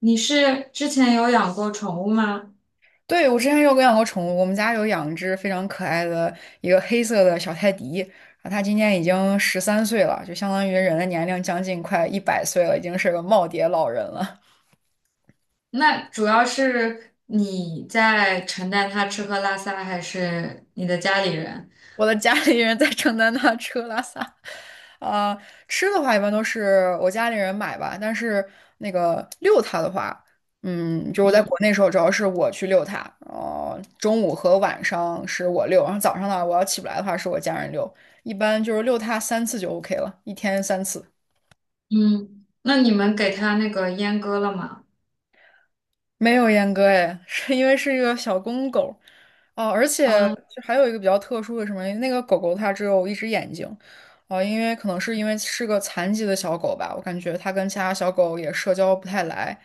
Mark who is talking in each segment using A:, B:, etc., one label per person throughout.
A: 你是之前有养过宠物吗？
B: 对，我之前有养过宠物，我们家有养一只非常可爱的一个黑色的小泰迪。它今年已经十三岁了，就相当于人的年龄将近快100岁了，已经是个耄耋老人了。
A: 那主要是你在承担它吃喝拉撒，还是你的家里人？
B: 我的家里人在承担他吃喝拉撒。啊、吃的话一般都是我家里人买吧，但是那个遛它的话。就我在
A: 嗯
B: 国内时候主要是我去遛它，中午和晚上是我遛，然后早上呢我要起不来的话是我家人遛，一般就是遛它三次就 OK 了，一天3次。
A: 嗯，那你们给它那个阉割了吗？
B: 没有阉割哎，是因为是一个小公狗。哦，而且
A: 啊，
B: 就还有一个比较特殊的什么，那个狗狗它只有一只眼睛。哦，因为可能是因为是个残疾的小狗吧，我感觉它跟其他小狗也社交不太来，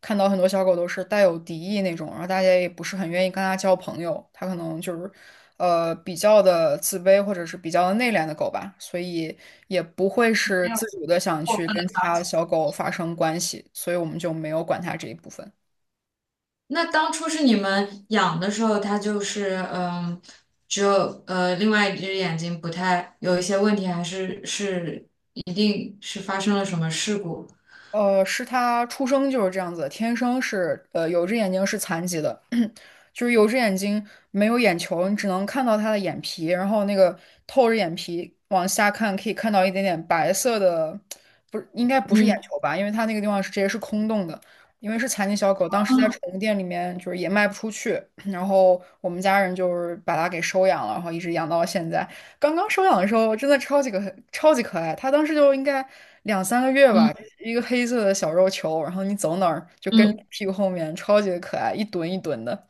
B: 看到很多小狗都是带有敌意那种，然后大家也不是很愿意跟它交朋友，它可能就是。比较的自卑或者是比较的内敛的狗吧，所以也不会是
A: 没有
B: 自主的想
A: 过
B: 去
A: 分的
B: 跟其
A: 操
B: 他
A: 心。
B: 小狗发生关系，所以我们就没有管它这一部分。
A: 那当初是你们养的时候，它就是只有另外一只眼睛不太有一些问题，还是一定是发生了什么事故？
B: 是他出生就是这样子的，天生是有一只眼睛是残疾的，就是有一只眼睛没有眼球，你只能看到他的眼皮，然后那个透着眼皮往下看，可以看到一点点白色的。不是，应该不是眼
A: 嗯
B: 球吧？因为它那个地方是直接是空洞的。因为是残疾小狗，当时在宠
A: 嗯
B: 物店里面就是也卖不出去，然后我们家人就是把它给收养了，然后一直养到了现在。刚刚收养的时候真的超级可爱，它当时就应该两三个月吧，
A: 嗯
B: 一个黑色的小肉球，然后你走哪儿就跟着
A: 嗯。
B: 屁股后面，超级可爱，一蹲一蹲的。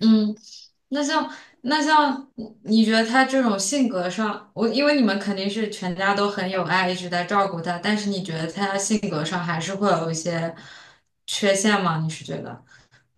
A: 嗯。那像那像你觉得他这种性格上，我因为你们肯定是全家都很有爱，一直在照顾他，但是你觉得他性格上还是会有一些缺陷吗？你是觉得？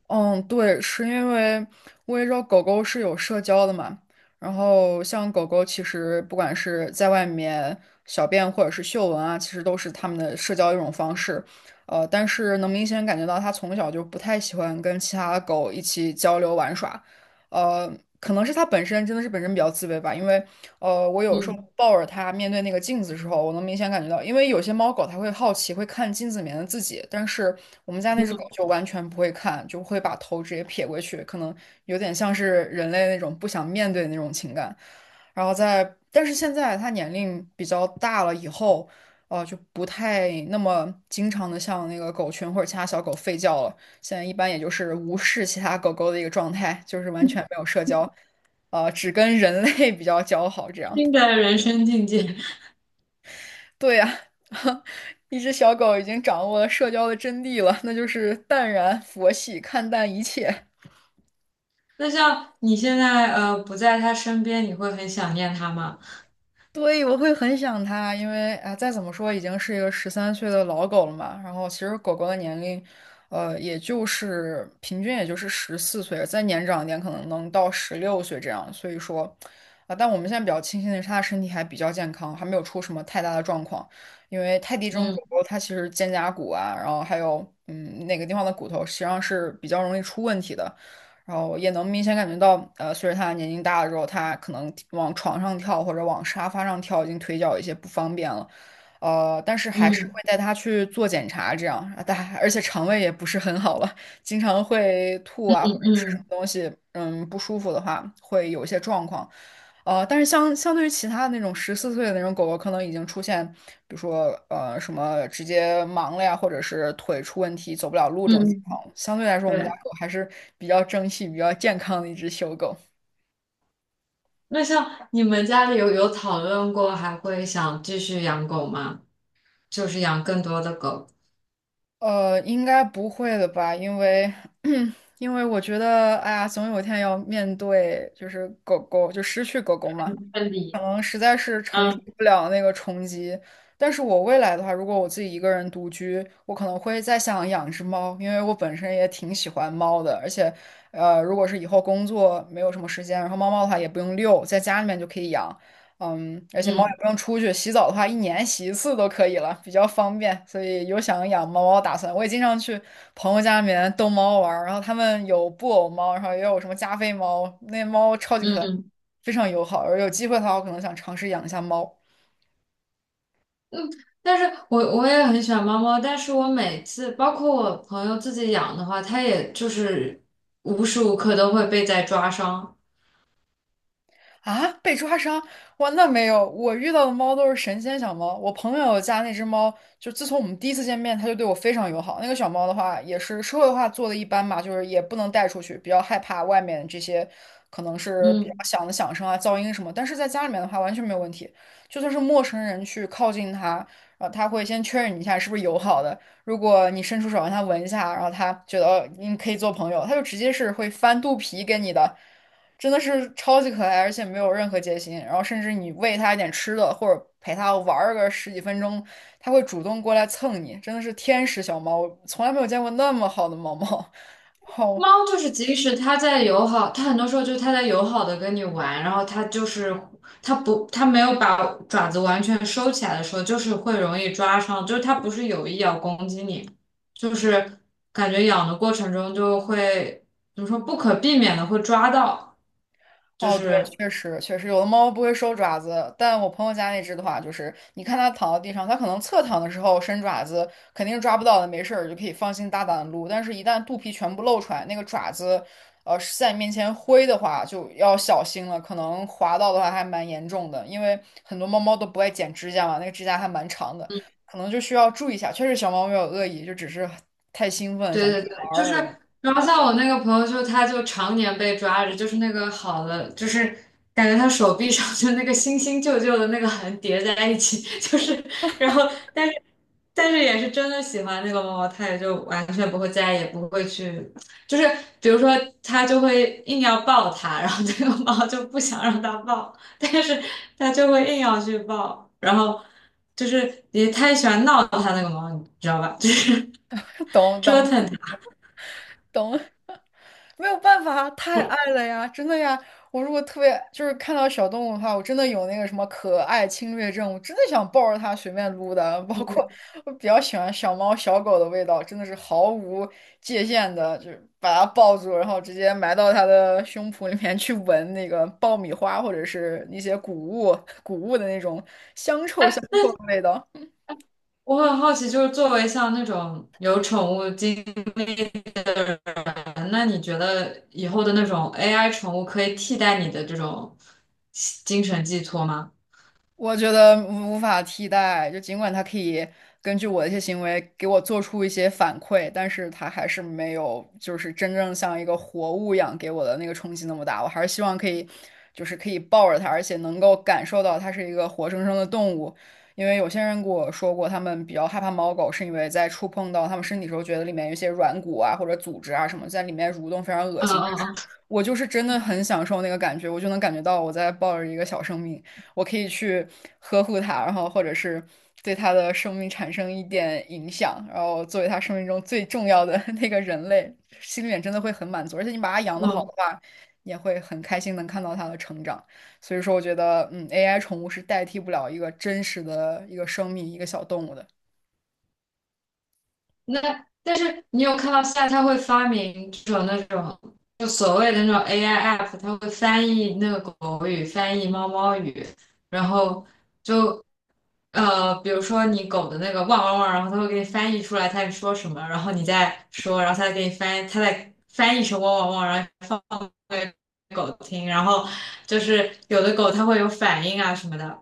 B: 嗯，对，是因为我也知道狗狗是有社交的嘛，然后像狗狗其实不管是在外面小便或者是嗅闻啊，其实都是它们的社交一种方式。但是能明显感觉到它从小就不太喜欢跟其他的狗一起交流玩耍。呃，可能是它本身真的是本身比较自卑吧，因为我有时候
A: 嗯
B: 抱着它面对那个镜子的时候，我能明显感觉到，因为有些猫狗它会好奇，会看镜子里面的自己，但是我们家那只狗
A: 嗯，
B: 就完全不会看，就会把头直接撇过去，可能有点像是人类那种不想面对的那种情感。然后在，但是现在它年龄比较大了以后，就不太那么经常的像那个狗群或者其他小狗吠叫了。现在一般也就是无视其他狗狗的一个状态，就是完全没有社交。只跟人类 比较交好。这样，
A: 新的人生境界。
B: 对呀、一只小狗已经掌握了社交的真谛了，那就是淡然佛系看淡一切。
A: 那像你现在不在他身边，你会很想念他吗？
B: 对，我会很想它，因为啊、再怎么说已经是一个十三岁的老狗了嘛。然后其实狗狗的年龄，也就是平均也就是十四岁，再年长一点可能能到16岁这样。所以说，啊、但我们现在比较庆幸的是，它的身体还比较健康，还没有出什么太大的状况。因为泰迪这种狗
A: 嗯
B: 狗，它其实肩胛骨啊，然后还有嗯哪个地方的骨头，实际上是比较容易出问题的。然后也能明显感觉到，随着他年龄大了之后，他可能往床上跳或者往沙发上跳，已经腿脚有一些不方便了。但是还是
A: 嗯
B: 会带他去做检查，这样，啊但而且肠胃也不是很好了，经常会吐
A: 嗯
B: 啊或者吃什么
A: 嗯
B: 东西，嗯，不舒服的话会有一些状况。但是相对于其他的那种十四岁的那种狗狗，可能已经出现，比如说什么直接盲了呀，或者是腿出问题走不了路这种情
A: 嗯，
B: 况。相对来说，我们家
A: 对。
B: 狗还是比较争气、比较健康的一只小狗。
A: 那像你们家里有讨论过还会想继续养狗吗？就是养更多的狗。
B: 应该不会的吧？因为 因为我觉得，哎呀，总有一天要面对，就是狗狗就失去狗狗嘛。
A: 分
B: 可
A: 离。
B: 能实在是承受不了那个冲击。但是我未来的话，如果我自己一个人独居，我可能会再想养只猫，因为我本身也挺喜欢猫的，而且。如果是以后工作没有什么时间，然后猫猫的话也不用遛，在家里面就可以养。而且猫也
A: 嗯
B: 不用出去，洗澡的话一年洗一次都可以了，比较方便，所以有想养猫猫的打算。我也经常去朋友家里面逗猫玩儿，然后他们有布偶猫，然后也有什么加菲猫，那猫超级可爱。
A: 嗯
B: 非常友好。而有机会的话，我可能想尝试养一下猫。
A: 嗯，但是我也很喜欢猫猫，但是我每次包括我朋友自己养的话，它也就是无时无刻都会被在抓伤。
B: 啊，被抓伤？哇，那没有，我遇到的猫都是神仙小猫。我朋友家那只猫，就自从我们第一次见面，它就对我非常友好。那个小猫的话，也是社会化做的一般嘛，就是也不能带出去，比较害怕外面这些可能是比较
A: 嗯。
B: 响的响声啊、噪音什么。但是在家里面的话，完全没有问题。就算是陌生人去靠近它，然后它会先确认你一下是不是友好的。如果你伸出手让它闻一下，然后它觉得哦你可以做朋友，它就直接是会翻肚皮给你的。真的是超级可爱，而且没有任何戒心。然后甚至你喂它一点吃的，或者陪它玩个10几分钟，它会主动过来蹭你，真的是天使小猫，我从来没有见过那么好的猫猫。好，
A: 猫就是，即使它在友好，它很多时候就是它在友好的跟你玩，然后它就是它不，它没有把爪子完全收起来的时候，就是会容易抓伤，就是它不是有意要攻击你，就是感觉养的过程中就会怎么说不可避免的会抓到，就
B: 哦，对，
A: 是
B: 确实确实，有的猫不会收爪子，但我朋友家那只的话，就是你看它躺在地上，它可能侧躺的时候伸爪子，肯定是抓不到的，没事儿就可以放心大胆的撸。但是，一旦肚皮全部露出来，那个爪子，是在你面前挥的话，就要小心了，可能划到的话还蛮严重的，因为很多猫猫都不爱剪指甲嘛，那个指甲还蛮长的，可能就需要注意一下。确实，小猫没有恶意，就只是太兴奋，想
A: 对
B: 跟
A: 对
B: 你
A: 对，
B: 玩
A: 就是，
B: 儿而已。
A: 然后像我那个朋友就，他就常年被抓着，就是那个好的，就是感觉他手臂上就那个新新旧旧的那个痕叠在一起，就是，然后但是但是也是真的喜欢那个猫猫，他也就完全不会再也不会去，就是比如说他就会硬要抱它，然后这个猫就不想让它抱，但是他就会硬要去抱，然后就是也太喜欢闹他那个猫，你知道吧？就是
B: 懂
A: 折腾
B: 懂
A: 它。
B: 懂。没有办法，太爱了呀，真的呀！我如果特别就是看到小动物的话，我真的有那个什么可爱侵略症，我真的想抱着它随便撸的。包括我比较喜欢小猫小狗的味道，真的是毫无界限的，就是把它抱住，然后直接埋到它的胸脯里面去闻那个爆米花或者是一些谷物的那种香臭香臭的味道。
A: 我很好奇，就是作为像那种有宠物经验，那你觉得以后的那种 AI 宠物可以替代你的这种精神寄托吗？
B: 我觉得无法替代，就尽管它可以根据我的一些行为给我做出一些反馈，但是它还是没有就是真正像一个活物一样给我的那个冲击那么大。我还是希望可以，就是可以抱着它，而且能够感受到它是一个活生生的动物。因为有些人跟我说过，他们比较害怕猫狗，是因为在触碰到他们身体的时候，觉得里面有一些软骨啊或者组织啊什么在里面蠕动，非常恶
A: 嗯
B: 心。
A: 嗯
B: 我就是真的很享受那个感觉，我就能感觉到我在抱着一个小生命，我可以去呵护它，然后或者是对它的生命产生一点影响，然后作为它生命中最重要的 那个人类，心里面真的会很满足。而且你把它养得好的
A: 嗯。
B: 话，也会很开心能看到它的成长。所以说，我觉得，AI 宠物是代替不了一个真实的一个生命，一个小动物的。
A: 那但是你有看到现在它会发明这种那种就所谓的那种 AI app，它会翻译那个狗语，翻译猫猫语，然后就比如说你狗的那个汪汪汪，然后它会给你翻译出来它在说什么，然后你再说，然后它再给你翻译，它再翻译成汪汪汪，然后给狗听，然后就是有的狗它会有反应啊什么的，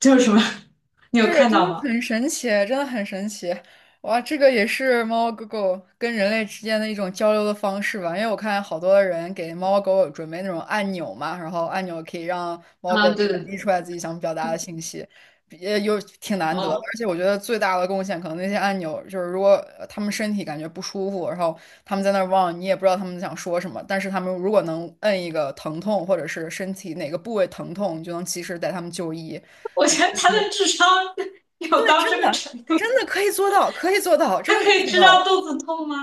A: 就是什么，你有
B: 是，
A: 看
B: 真
A: 到
B: 的
A: 吗？
B: 很神奇，真的很神奇。哇，这个也是猫猫狗狗跟人类之间的一种交流的方式吧？因为我看好多的人给猫猫狗狗准备那种按钮嘛，然后按钮可以让猫
A: 啊，
B: 狗
A: 对对
B: 传递出
A: 对，
B: 来自己想表达的信息，也有挺难得的。而
A: 哦。
B: 且我觉得最大的贡献，可能那些按钮就是如果它们身体感觉不舒服，然后他们在那儿望，你也不知道他们想说什么，但是他们如果能摁一个疼痛或者是身体哪个部位疼痛，你就能及时带他们就医。
A: 我觉得他的智商有到这个程度，
B: 真的可以做到，可以做到，真
A: 他
B: 的可
A: 可
B: 以
A: 以
B: 做
A: 知
B: 到，
A: 道肚子痛吗？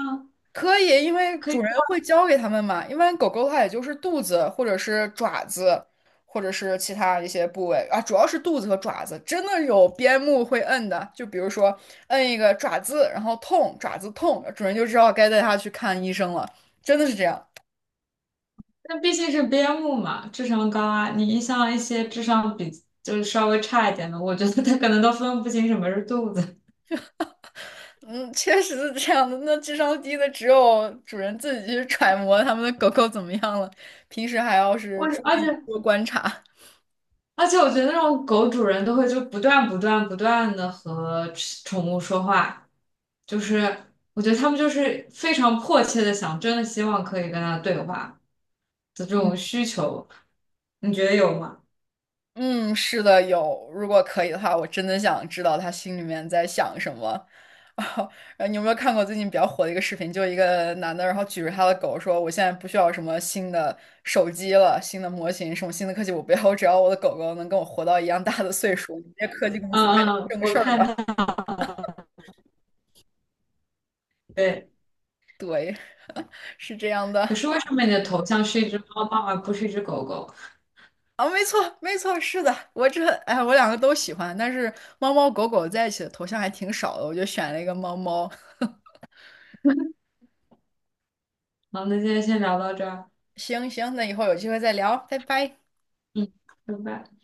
B: 可以，因为
A: 他可
B: 主
A: 以。
B: 人会教给他们嘛。一般狗狗它也就是肚子或者是爪子，或者是其他一些部位啊，主要是肚子和爪子，真的有边牧会摁的，就比如说摁一个爪子，然后痛，爪子痛，主人就知道该带它去看医生了，真的是这样。
A: 那毕竟是边牧嘛，智商高啊。你像一些智商比就是稍微差一点的，我觉得他可能都分不清什么是肚子。
B: 嗯，确实是这样的。那智商低的只有主人自己去揣摩他们的狗狗怎么样了，平时还要是
A: 我
B: 注
A: 而
B: 意
A: 且
B: 多观察。
A: 而且，我觉得那种狗主人都会就不断不断不断的和宠物说话，就是我觉得他们就是非常迫切的想，真的希望可以跟他对话的这种需求，你觉得有吗？
B: 嗯，是的，有。如果可以的话，我真的想知道他心里面在想什么。啊，你有没有看过最近比较火的一个视频？就一个男的，然后举着他的狗说："我现在不需要什么新的手机了，新的模型，什么新的科技，我不要，我只要我的狗狗能跟我活到一样大的岁数。你们这些科技公司干
A: 嗯
B: 点
A: 嗯，
B: 正
A: 我
B: 事儿
A: 看。
B: 吧。"
A: 对，
B: 对，是这样的。
A: 可是为什么你的头像是一只猫猫而不是一只狗狗？
B: 啊，没错，没错，是的，我这，哎，我两个都喜欢，但是猫猫狗狗在一起的头像还挺少的，我就选了一个猫猫。
A: 好，那今天先聊到这儿。
B: 行行，那以后有机会再聊，拜拜。
A: 嗯，拜拜。